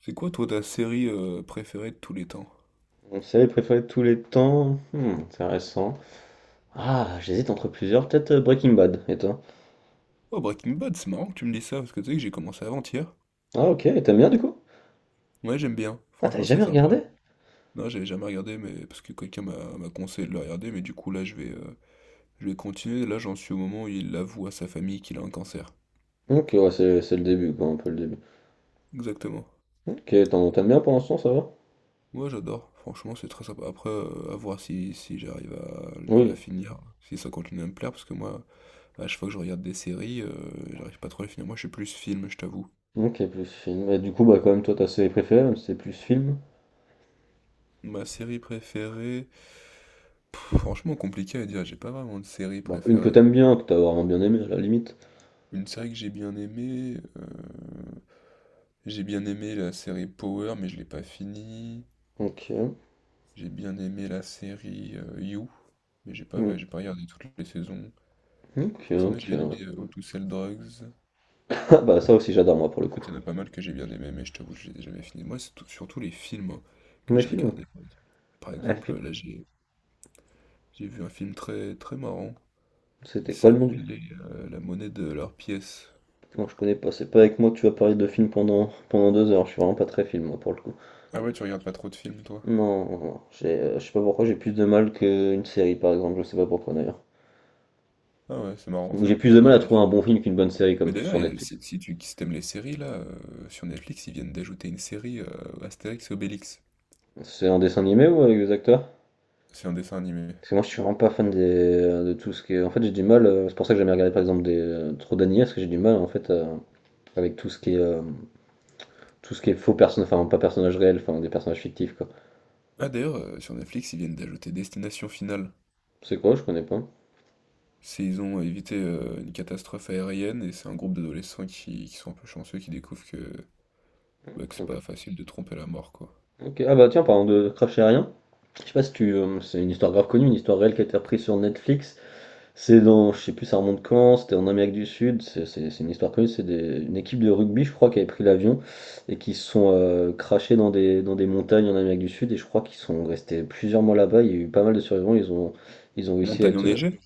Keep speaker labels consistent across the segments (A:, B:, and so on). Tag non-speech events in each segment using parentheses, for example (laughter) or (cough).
A: C'est quoi toi ta série préférée de tous les temps?
B: Mon série préférée de tous les temps? Hmm, intéressant. Ah, j'hésite entre plusieurs. Peut-être Breaking Bad, et toi?
A: Oh Breaking Bad, c'est marrant que tu me dis ça, parce que tu sais que j'ai commencé avant-hier.
B: Ah, ok, et t'aimes bien du coup?
A: Ouais, j'aime bien,
B: Ah, t'avais
A: franchement c'est
B: jamais
A: sympa.
B: regardé?
A: Non, j'avais jamais regardé mais parce que quelqu'un m'a conseillé de le regarder, mais du coup là je vais continuer. Là j'en suis au moment où il avoue à sa famille qu'il a un cancer.
B: Ok, ouais, c'est le début, quoi, un peu le début.
A: Exactement.
B: Ok, t'aimes bien pour l'instant, ça va?
A: Moi j'adore, franchement c'est très sympa. Après à voir si, si j'arrive à la
B: Oui.
A: finir, si ça continue à me plaire, parce que moi à chaque fois que je regarde des séries, j'arrive pas trop à les finir. Moi je suis plus film, je t'avoue.
B: Ok, plus film. Et du coup, bah, quand même, toi, ta série préférée, même si c'est plus film.
A: Ma série préférée. Pff, franchement, compliqué à dire, j'ai pas vraiment de série
B: Bah, une que
A: préférée.
B: t'aimes bien, que t'as vraiment bien aimé, à la limite.
A: Une série que j'ai bien aimée, j'ai bien aimé la série Power, mais je l'ai pas finie.
B: Ok.
A: J'ai bien aimé la série You, mais
B: Hmm,
A: j'ai pas regardé toutes les saisons.
B: ok,
A: Sinon,
B: ok,
A: j'ai bien
B: ouais.
A: aimé
B: (laughs)
A: How to Sell Drugs.
B: Ah, bah, ça aussi, j'adore, moi, pour le
A: En
B: coup.
A: fait, il y en a pas mal que j'ai bien aimé, mais je t'avoue, je les ai jamais finis. Moi, c'est surtout les films hein, que
B: Mes
A: j'ai
B: films?
A: regardés, par exemple. Par
B: Ah,
A: exemple,
B: film.
A: là, j'ai vu un film très, très marrant. Il
B: C'était quoi le nom du
A: s'appelait La monnaie de leur pièce.
B: non, je connais pas, c'est pas avec moi que tu vas parler de films pendant, pendant deux heures, je suis vraiment pas très film moi pour le coup.
A: Ah ouais, tu regardes pas trop de films, toi?
B: Non, non, non, je sais pas pourquoi j'ai plus de mal qu'une série par exemple, je sais pas pourquoi d'ailleurs.
A: Ah ouais, c'est marrant
B: Ou j'ai
A: ça,
B: plus
A: moi
B: de mal
A: j'adore
B: à
A: les ouais,
B: trouver un
A: films.
B: bon film qu'une bonne série
A: Mais
B: comme
A: d'ailleurs,
B: sur
A: il y en a-
B: Netflix.
A: si, si tu si t'aimes les séries, là, sur Netflix, ils viennent d'ajouter une série Astérix et Obélix.
B: C'est un dessin animé ou avec des acteurs?
A: C'est un dessin animé.
B: Parce que moi je suis vraiment pas fan des, de tout ce qui est. En fait j'ai du mal, c'est pour ça que j'aime regarder par exemple des trop d'animés, parce que j'ai du mal en fait avec tout ce qui est tout ce qui est faux personnages, enfin pas personnages réels, enfin des personnages fictifs quoi.
A: Ah d'ailleurs, sur Netflix, ils viennent d'ajouter Destination Finale.
B: C'est quoi? Je connais pas.
A: C'est, ils ont évité une catastrophe aérienne et c'est un groupe d'adolescents qui sont un peu chanceux, qui découvrent que, bah, que
B: C'est
A: c'est
B: un peu-
A: pas facile de tromper la mort, quoi.
B: Ok, ah bah tiens, parlant de crash aérien, je sais pas si tu. C'est une histoire grave connue, une histoire réelle qui a été reprise sur Netflix. C'est dans. Je sais plus, ça remonte quand, c'était en Amérique du Sud. C'est une histoire connue, une équipe de rugby, je crois, qui avait pris l'avion et qui se sont crashés dans des montagnes en Amérique du Sud. Et je crois qu'ils sont restés plusieurs mois là-bas. Il y a eu pas mal de survivants. Ils ont réussi à
A: Montagne
B: être.
A: enneigée?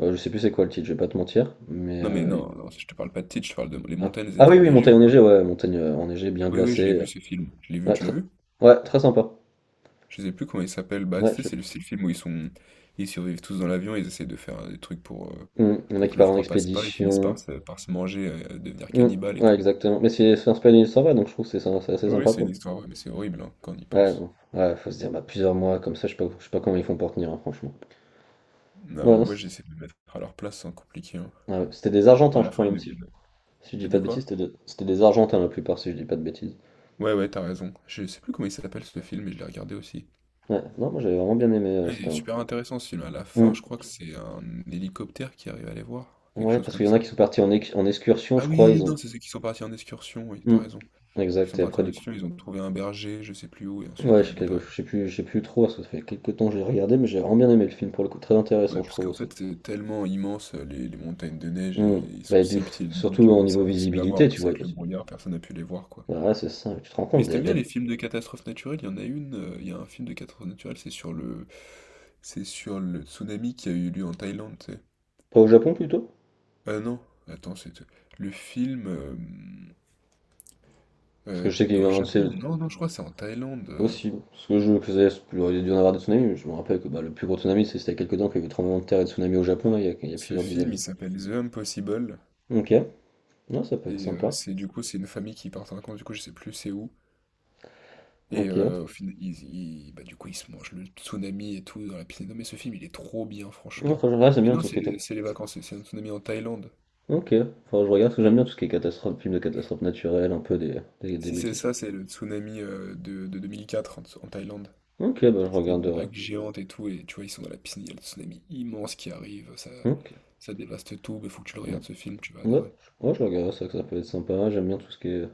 B: Je sais plus c'est quoi le titre, je vais pas te mentir. Mais.
A: Non mais non, non, je te parle pas de titre, je parle de: les
B: Ah,
A: montagnes
B: ah
A: étaient
B: oui, oui,
A: enneigées
B: montagne
A: ou pas?
B: enneigée, ouais, montagne enneigée, bien
A: Oui, oui, je l'ai
B: glacée.
A: vu ce film. Je l'ai vu,
B: Ouais,
A: tu l'as
B: très,
A: vu?
B: ouais, très sympa.
A: Je sais plus comment il s'appelle. Bah, tu
B: Ouais,
A: sais,
B: je-
A: c'est le film où ils sont, ils survivent tous dans l'avion, ils essaient de faire des trucs
B: Mmh. Il y en a
A: pour
B: qui
A: que le
B: partent en
A: froid passe pas, ils finissent
B: expédition.
A: par se manger, devenir
B: Mmh.
A: cannibales et
B: Ouais,
A: tout.
B: exactement. Mais c'est inspiré d'une histoire vraie, donc je trouve que c'est assez
A: Oui, oui,
B: sympa
A: c'est
B: pour
A: une
B: le-
A: histoire, ouais, mais c'est horrible hein, quand on y
B: ouais,
A: pense.
B: non. Ouais, faut se dire, bah, plusieurs mois comme ça, je sais pas comment ils font pour tenir, hein, franchement.
A: Non,
B: Ouais,
A: mais
B: non, c'est-
A: moi j'essaie de me mettre à leur place sans compliquer, hein.
B: Ah ouais, c'était des
A: Bah,
B: Argentins,
A: à
B: je
A: la
B: crois,
A: fin, ils
B: même si,
A: deviennent.
B: si je dis
A: T'as
B: pas
A: dit
B: de bêtises,
A: quoi?
B: c'était des Argentins la plupart, si je dis pas de bêtises.
A: Ouais, ouais, t'as raison. Je sais plus comment il s'appelle ce film, mais je l'ai regardé aussi.
B: Ouais, non, moi j'avais vraiment bien aimé,
A: Ah, il
B: c'était
A: est
B: un-
A: super intéressant ce film. À la fin, je
B: Mmh.
A: crois que c'est un hélicoptère qui arrive à les voir, quelque
B: Ouais,
A: chose
B: parce
A: comme
B: qu'il y en a qui
A: ça.
B: sont partis en, en excursion,
A: Ah
B: je crois, ils
A: oui,
B: ont.
A: non, c'est ceux qui sont partis en excursion, oui, t'as
B: Mmh.
A: raison. Ils
B: Exact,
A: sont
B: et
A: partis
B: après,
A: en
B: du coup.
A: Asie, ils ont trouvé un berger, je sais plus où, et ensuite,
B: Ouais, je
A: ouais,
B: sais,
A: non, t'as raison.
B: je sais plus trop, parce que ça fait quelques temps que j'ai regardé, mais j'ai vraiment bien aimé le film pour le coup, très intéressant,
A: Ouais,
B: je
A: parce
B: trouve
A: qu'en
B: aussi.
A: fait, c'est tellement immense, les montagnes de neige, et
B: Hmm.
A: ils sont
B: Bah, du
A: si petits
B: Surtout
A: donc
B: au
A: c'est
B: niveau
A: impossible à voir. En
B: visibilité, tu
A: plus,
B: vois.
A: avec le brouillard, personne n'a pu les voir, quoi.
B: Ouais, c'est ça. Tu te rends
A: Mais
B: compte
A: si t'aimes
B: d'être
A: bien
B: d'être
A: les films de catastrophes naturelles, il y a un film de catastrophe naturelle, c'est sur le... C'est sur le tsunami qui a eu lieu en Thaïlande, tu sais.
B: pas au Japon plutôt?
A: Ah non, attends, c'est... Le film...
B: Parce
A: euh,
B: que je sais qu'il y a eu
A: au
B: un,
A: Japon?
B: c'est
A: Non, non, je crois que c'est en Thaïlande,
B: possible. Parce que je faisais, il aurait dû en avoir des tsunamis. Je me rappelle que bah, le plus gros tsunami, c'était il y a quelques temps qu'il y a eu tremblement de terre et de tsunami au Japon, là, il y a
A: Ce
B: plusieurs dizaines
A: film, il
B: d'années.
A: s'appelle The Impossible.
B: Ok, non, ça peut être
A: Et
B: sympa.
A: c'est du coup, c'est une famille qui part en vacances, du coup, je sais plus c'est où. Et
B: Ok.
A: au final, bah, du coup, ils se mangent le tsunami et tout dans la piscine. Non, mais ce film, il est trop bien,
B: Non,
A: franchement.
B: franchement, là, j'aime
A: Mais
B: bien
A: non,
B: tout ce qui est.
A: c'est les vacances, c'est un tsunami en Thaïlande.
B: Ok, enfin, je regarde parce que j'aime bien tout ce qui est catastrophe, film de catastrophe naturelle, un peu des
A: Si c'est
B: bêtises.
A: ça,
B: Quoi.
A: c'est le tsunami de 2004 en, en Thaïlande.
B: Ok, bah, je
A: C'était une
B: regarderai.
A: vague géante et tout, et tu vois, ils sont dans la piscine, il y a le tsunami immense qui arrive, ça,
B: Ok.
A: ça dévaste tout, mais faut que tu le
B: Hmm.
A: regardes ce film, tu vas
B: Ouais,
A: adorer.
B: ouais, je regarde ça, que ça peut être sympa. J'aime bien tout ce qui est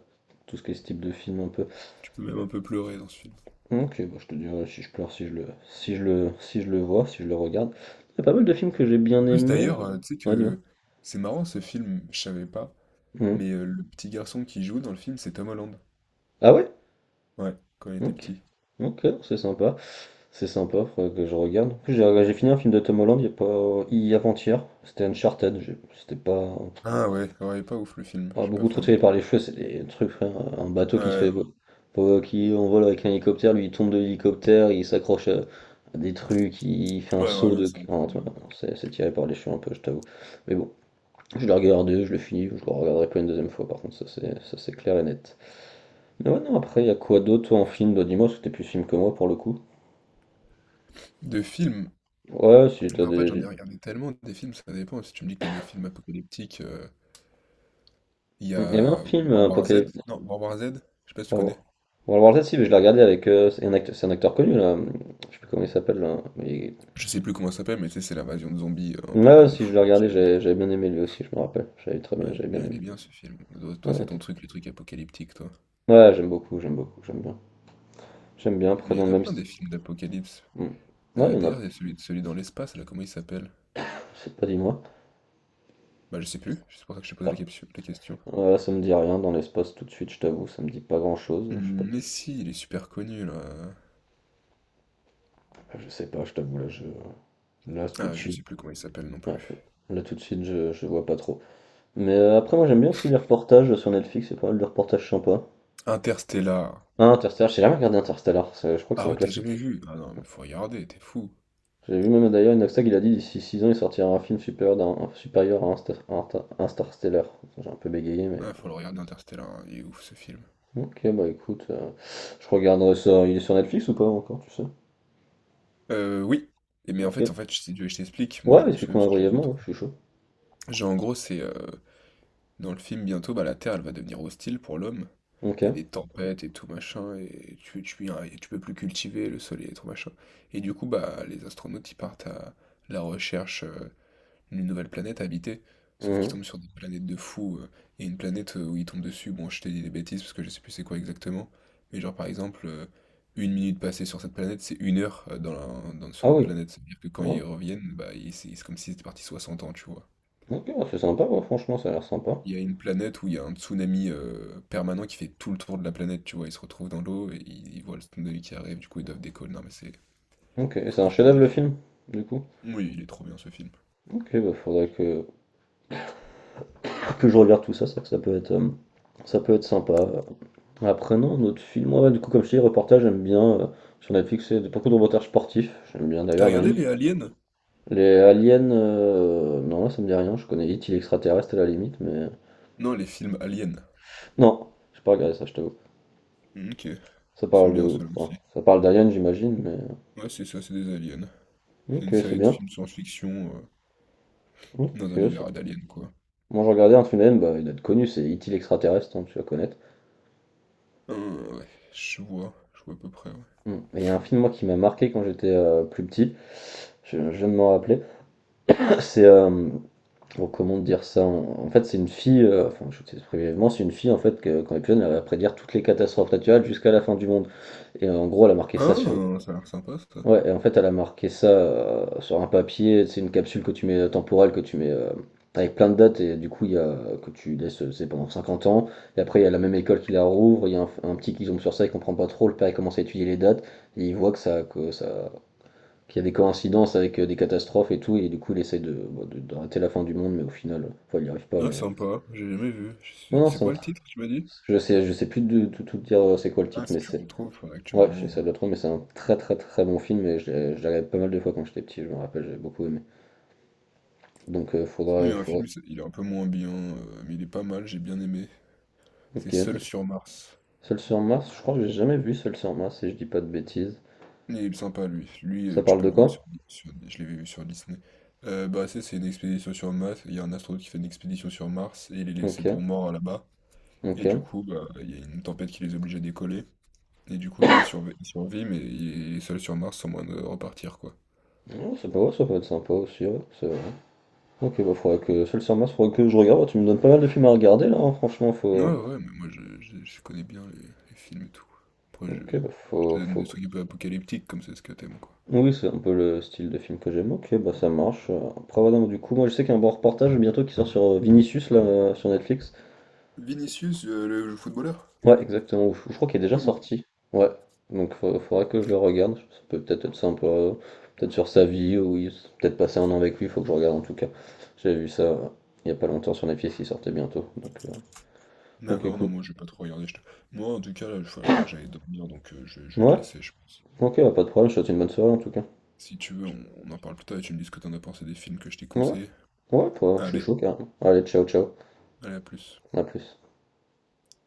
B: tout ce qui est ce type de film un peu.
A: Tu peux même un peu pleurer dans ce film.
B: Ok, bah, je te dirai si je pleure, si je le vois, si je le regarde. Il y a pas mal de films que j'ai bien
A: En plus,
B: aimés.
A: d'ailleurs, tu sais
B: Ouais, dis-moi.
A: que c'est marrant ce film, je savais pas.
B: Mhm.
A: Mais le petit garçon qui joue dans le film, c'est Tom Holland.
B: Ah ouais?
A: Ouais, quand il était
B: Ok.
A: petit.
B: Ok, c'est sympa. C'est sympa, faudrait que je regarde. En plus, j'ai fini un film de Tom Holland il y a pas, avant-hier. C'était Uncharted. C'était pas,
A: Ah ouais, ouais, pas ouf le film, je
B: ah,
A: suis pas
B: beaucoup trop
A: fan.
B: tiré par les cheveux, c'est des trucs, frère. Un bateau qui se
A: Ouais,
B: fait,
A: non.
B: qui en vole avec un hélicoptère, lui il tombe de l'hélicoptère, il s'accroche à des trucs, il fait un
A: Ouais,
B: saut
A: voilà,
B: de.
A: c'est un peu
B: Ah,
A: en
B: tu
A: mode,
B: vois, c'est tiré par les cheveux un peu, je t'avoue. Mais bon, je l'ai regardé, je l'ai fini, je le regarderai pas une deuxième fois, par contre, c'est clair et net. Mais ouais, non, après, il y a quoi d'autre toi, en film? Bah, dis-moi, parce que t'es plus film que moi pour le coup.
A: de films,
B: Ouais, si t'as
A: mais en fait, j'en ai
B: des.
A: regardé tellement des films, ça dépend. Si tu me dis que t'aimes les films apocalyptiques, il y
B: Il y avait un
A: a
B: film,
A: World War Z.
B: Apocalypse.
A: Non, World War Z, je sais pas si tu
B: On va voir
A: connais.
B: on va voir ça si, mais je l'ai regardé avec. C'est un acteur connu là, je sais plus comment il s'appelle là. Il,
A: Je sais plus comment ça s'appelle, mais tu sais, c'est l'invasion de zombies un
B: ouais,
A: peu
B: ouais,
A: de
B: si je
A: fou.
B: le
A: Que...
B: regardais, j'avais bien aimé lui aussi, je me rappelle. J'avais très
A: ouais,
B: bien, j'avais bien
A: il est
B: aimé.
A: bien ce film. Toi,
B: Ouais,
A: toi,
B: non, il
A: c'est ton
B: était-
A: truc, le truc apocalyptique, toi.
B: Ouais, j'aime bien. J'aime bien, après
A: Mais il y
B: dans le
A: en a
B: même
A: plein
B: style.
A: des films d'apocalypse.
B: Ouais, il y en a,
A: D'ailleurs, il y a celui, celui dans l'espace, là, comment il s'appelle?
B: je sais pas, dis-moi.
A: Bah, je sais plus, c'est pour ça que je t'ai posé
B: Ah,
A: la la question.
B: ouais, ça me dit rien, dans l'espace tout de suite, je t'avoue, ça me dit pas grand-chose. Je sais pas,
A: Mmh, mais si, il est super connu là.
B: je sais pas, je t'avoue, là, je... là tout
A: Ah,
B: de
A: je sais
B: suite.
A: plus comment il s'appelle non
B: Ouais,
A: plus.
B: là tout de suite, je vois pas trop. Mais après, moi j'aime bien aussi les reportages sur Netflix, c'est pas mal de reportages sympas.
A: Interstellar.
B: Ah, Interstellar, j'ai jamais regardé Interstellar, c'est- je crois que c'est
A: Ah
B: un
A: ouais, t'as
B: classique.
A: jamais vu? Ah non, mais faut regarder, t'es fou.
B: J'ai vu même d'ailleurs Inoxtag, il a dit d'ici 6 ans, il sortira un film supérieur, supérieur à Interstellar. J'ai un peu bégayé, mais.
A: Ah, faut le regarder Interstellar, hein, il est ouf ce film.
B: Bon. Ok, bah écoute, je regarderai ça. Il est sur Netflix ou pas encore, tu sais?
A: Oui. Et mais
B: Ok.
A: en fait, je t'explique, moi
B: Ouais,
A: je me souviens
B: explique-moi
A: parce que je l'ai vu
B: brièvement,
A: d'autres
B: ouais, je
A: fois.
B: suis chaud.
A: Genre en gros, c'est dans le film bientôt, bah, la Terre elle va devenir hostile pour l'homme.
B: Ok.
A: Il y a des tempêtes et tout machin, et et tu peux plus cultiver le soleil et tout machin. Et du coup, bah, les astronautes ils partent à la recherche, une nouvelle planète à habiter. Sauf qu'ils
B: Mhm.
A: tombent sur des planètes de fous, il y a une planète où ils tombent dessus. Bon, je t'ai dit des bêtises parce que je sais plus c'est quoi exactement. Mais genre, par exemple, une minute passée sur cette planète, c'est une heure dans sur
B: Ah
A: d'autres
B: oui.
A: planètes. C'est-à-dire que quand
B: Ouais.
A: ils reviennent, c'est comme s'ils étaient partis 60 ans, tu vois.
B: Ok, c'est sympa, ouais, franchement, ça a l'air sympa.
A: Il y a une planète où il y a un tsunami permanent qui fait tout le tour de la planète, tu vois. Ils se retrouvent dans l'eau et ils voient le tsunami qui arrive, du coup ils doivent décoller. Non mais c'est...
B: Ok, et c'est
A: Faut
B: un chef-d'œuvre
A: regarder,
B: le
A: faut...
B: film, du coup.
A: Oui, il est trop bien ce film.
B: Ok, bah faudrait que. Que je regarde tout ça, c'est ça peut être sympa. Après, non, notre film, ouais, du coup, comme je te dis, reportage, j'aime bien. Sur Netflix, c'est beaucoup de reportages sportifs. J'aime bien
A: T'as
B: d'ailleurs, il y en a
A: regardé
B: une.
A: les aliens?
B: Les aliens, non, là, ça me dit rien. Je connais It, il est extraterrestre à la limite, mais.
A: Non, les films aliens.
B: Non, j'ai pas regardé ça, je t'avoue.
A: Ok. Ils
B: Ça
A: sont
B: parle
A: bien
B: de.
A: ceux-là
B: Enfin,
A: aussi.
B: ça parle d'aliens, j'imagine, mais.
A: Ouais, c'est ça, c'est des aliens. C'est une
B: Ok, c'est
A: série de
B: bien.
A: films science-fiction
B: Ok,
A: dans un
B: ça-
A: univers d'aliens, quoi.
B: Moi, j'ai regardé un film d'aliens, bah, il doit être connu, c'est It, il est extraterrestre, hein, tu vas connaître.
A: Ah ouais, je vois à peu près, ouais.
B: Hmm. Et il y a un film, moi, qui m'a marqué quand j'étais plus petit. Je viens de m'en rappeler. C'est. Bon, comment dire ça? En fait, c'est une fille, enfin, je sais brièvement, c'est une fille, en fait, que, quand elle est plus jeune, elle va prédire toutes les catastrophes naturelles jusqu'à la fin du monde. Et en gros, elle a marqué
A: Ah,
B: ça sur.
A: ça a l'air sympa, ça.
B: Ouais, et en fait, elle a marqué ça sur un papier, c'est une capsule que tu mets temporelle, que tu mets avec plein de dates, et du coup, que tu laisses, c'est pendant 50 ans. Et après, il y a la même école qui la rouvre, il y a un petit qui tombe sur ça, il comprend pas trop, le père, il commence à étudier les dates, et il voit que ça, qu'il y a des coïncidences avec des catastrophes et tout, et du coup il essaie de, bon, d'arrêter la fin du monde, mais au final, enfin, il n'y arrive pas,
A: Ah,
B: mais.
A: sympa, j'ai jamais vu.
B: Non, non,
A: C'est
B: c'est un
A: quoi le
B: tr-
A: titre, tu m'as dit?
B: Je sais plus de tout, tout dire c'est quoi le
A: Ah,
B: titre,
A: si
B: mais
A: tu le
B: c'est.
A: retrouves, faudrait que tu
B: Ouais, je
A: m'envoies,
B: sais
A: hein.
B: ça doit trop, mais c'est un très bon film et je l'ai regardé pas mal de fois quand j'étais petit, je me rappelle, j'avais beaucoup aimé. Donc
A: Sinon, il y a un
B: faudra.
A: film, il est un peu moins bien, mais il est pas mal, j'ai bien aimé. C'est
B: Ok,
A: Seul
B: dis-
A: sur Mars.
B: Seul sur Mars, je crois que j'ai jamais vu Seul sur Mars, si je dis pas de bêtises.
A: Il est sympa lui. Lui,
B: Ça
A: tu
B: parle
A: peux
B: de
A: le voir
B: quoi?
A: sur je l'avais vu sur Disney. Bah, c'est une expédition sur Mars, il y a un astronaute qui fait une expédition sur Mars et il est
B: Ok,
A: laissé pour mort là-bas et du
B: ok.
A: coup, bah, il y a une tempête qui les oblige à décoller et du coup, lui, il survit mais il est seul sur Mars sans moyen de repartir, quoi.
B: Oh, ça peut être sympa aussi, ouais, ça- ok, bah faudrait que seul sur Mars, faudrait que je regarde. Tu me donnes pas mal de films à regarder là, hein, franchement,
A: Ouais, ouais,
B: faut.
A: ouais, mais moi je connais bien les films et tout. Après
B: Ok, bah
A: je te
B: faut,
A: donne
B: faut
A: des
B: que-
A: trucs un peu apocalyptiques comme c'est ce que t'aimes quoi.
B: Oui, c'est un peu le style de film que j'aime. Ok, bah ça marche. Après, voilà, du coup, moi je sais qu'il y a un bon reportage bientôt qui sort sur Vinicius là, sur Netflix.
A: Vinicius, le footballeur?
B: Ouais, exactement. Je crois qu'il est déjà
A: Ah bon?
B: sorti. Ouais. Donc faudra que je le regarde. Ça peut peut-être être sympa. Peut-être sur sa vie, ou peut-être passer 1 an avec lui, faut que je regarde en tout cas. J'ai vu ça il y a pas longtemps sur Netflix, il sortait bientôt. Donc
A: D'accord, non,
B: écoute.
A: moi je vais pas trop regarder, moi, en tout cas, là, il faut que j'aille dormir, donc je vais te
B: Ouais,
A: laisser, je pense.
B: ok, bah, pas de problème, je te souhaite une bonne soirée en tout cas.
A: Si tu veux, on en parle plus tard et tu me dis ce que t'en as pensé des films que je t'ai
B: Ouais,
A: conseillés.
B: ouais, bah, je suis
A: Allez,
B: chaud carrément. Allez, ciao, ciao,
A: allez, à plus.
B: à plus.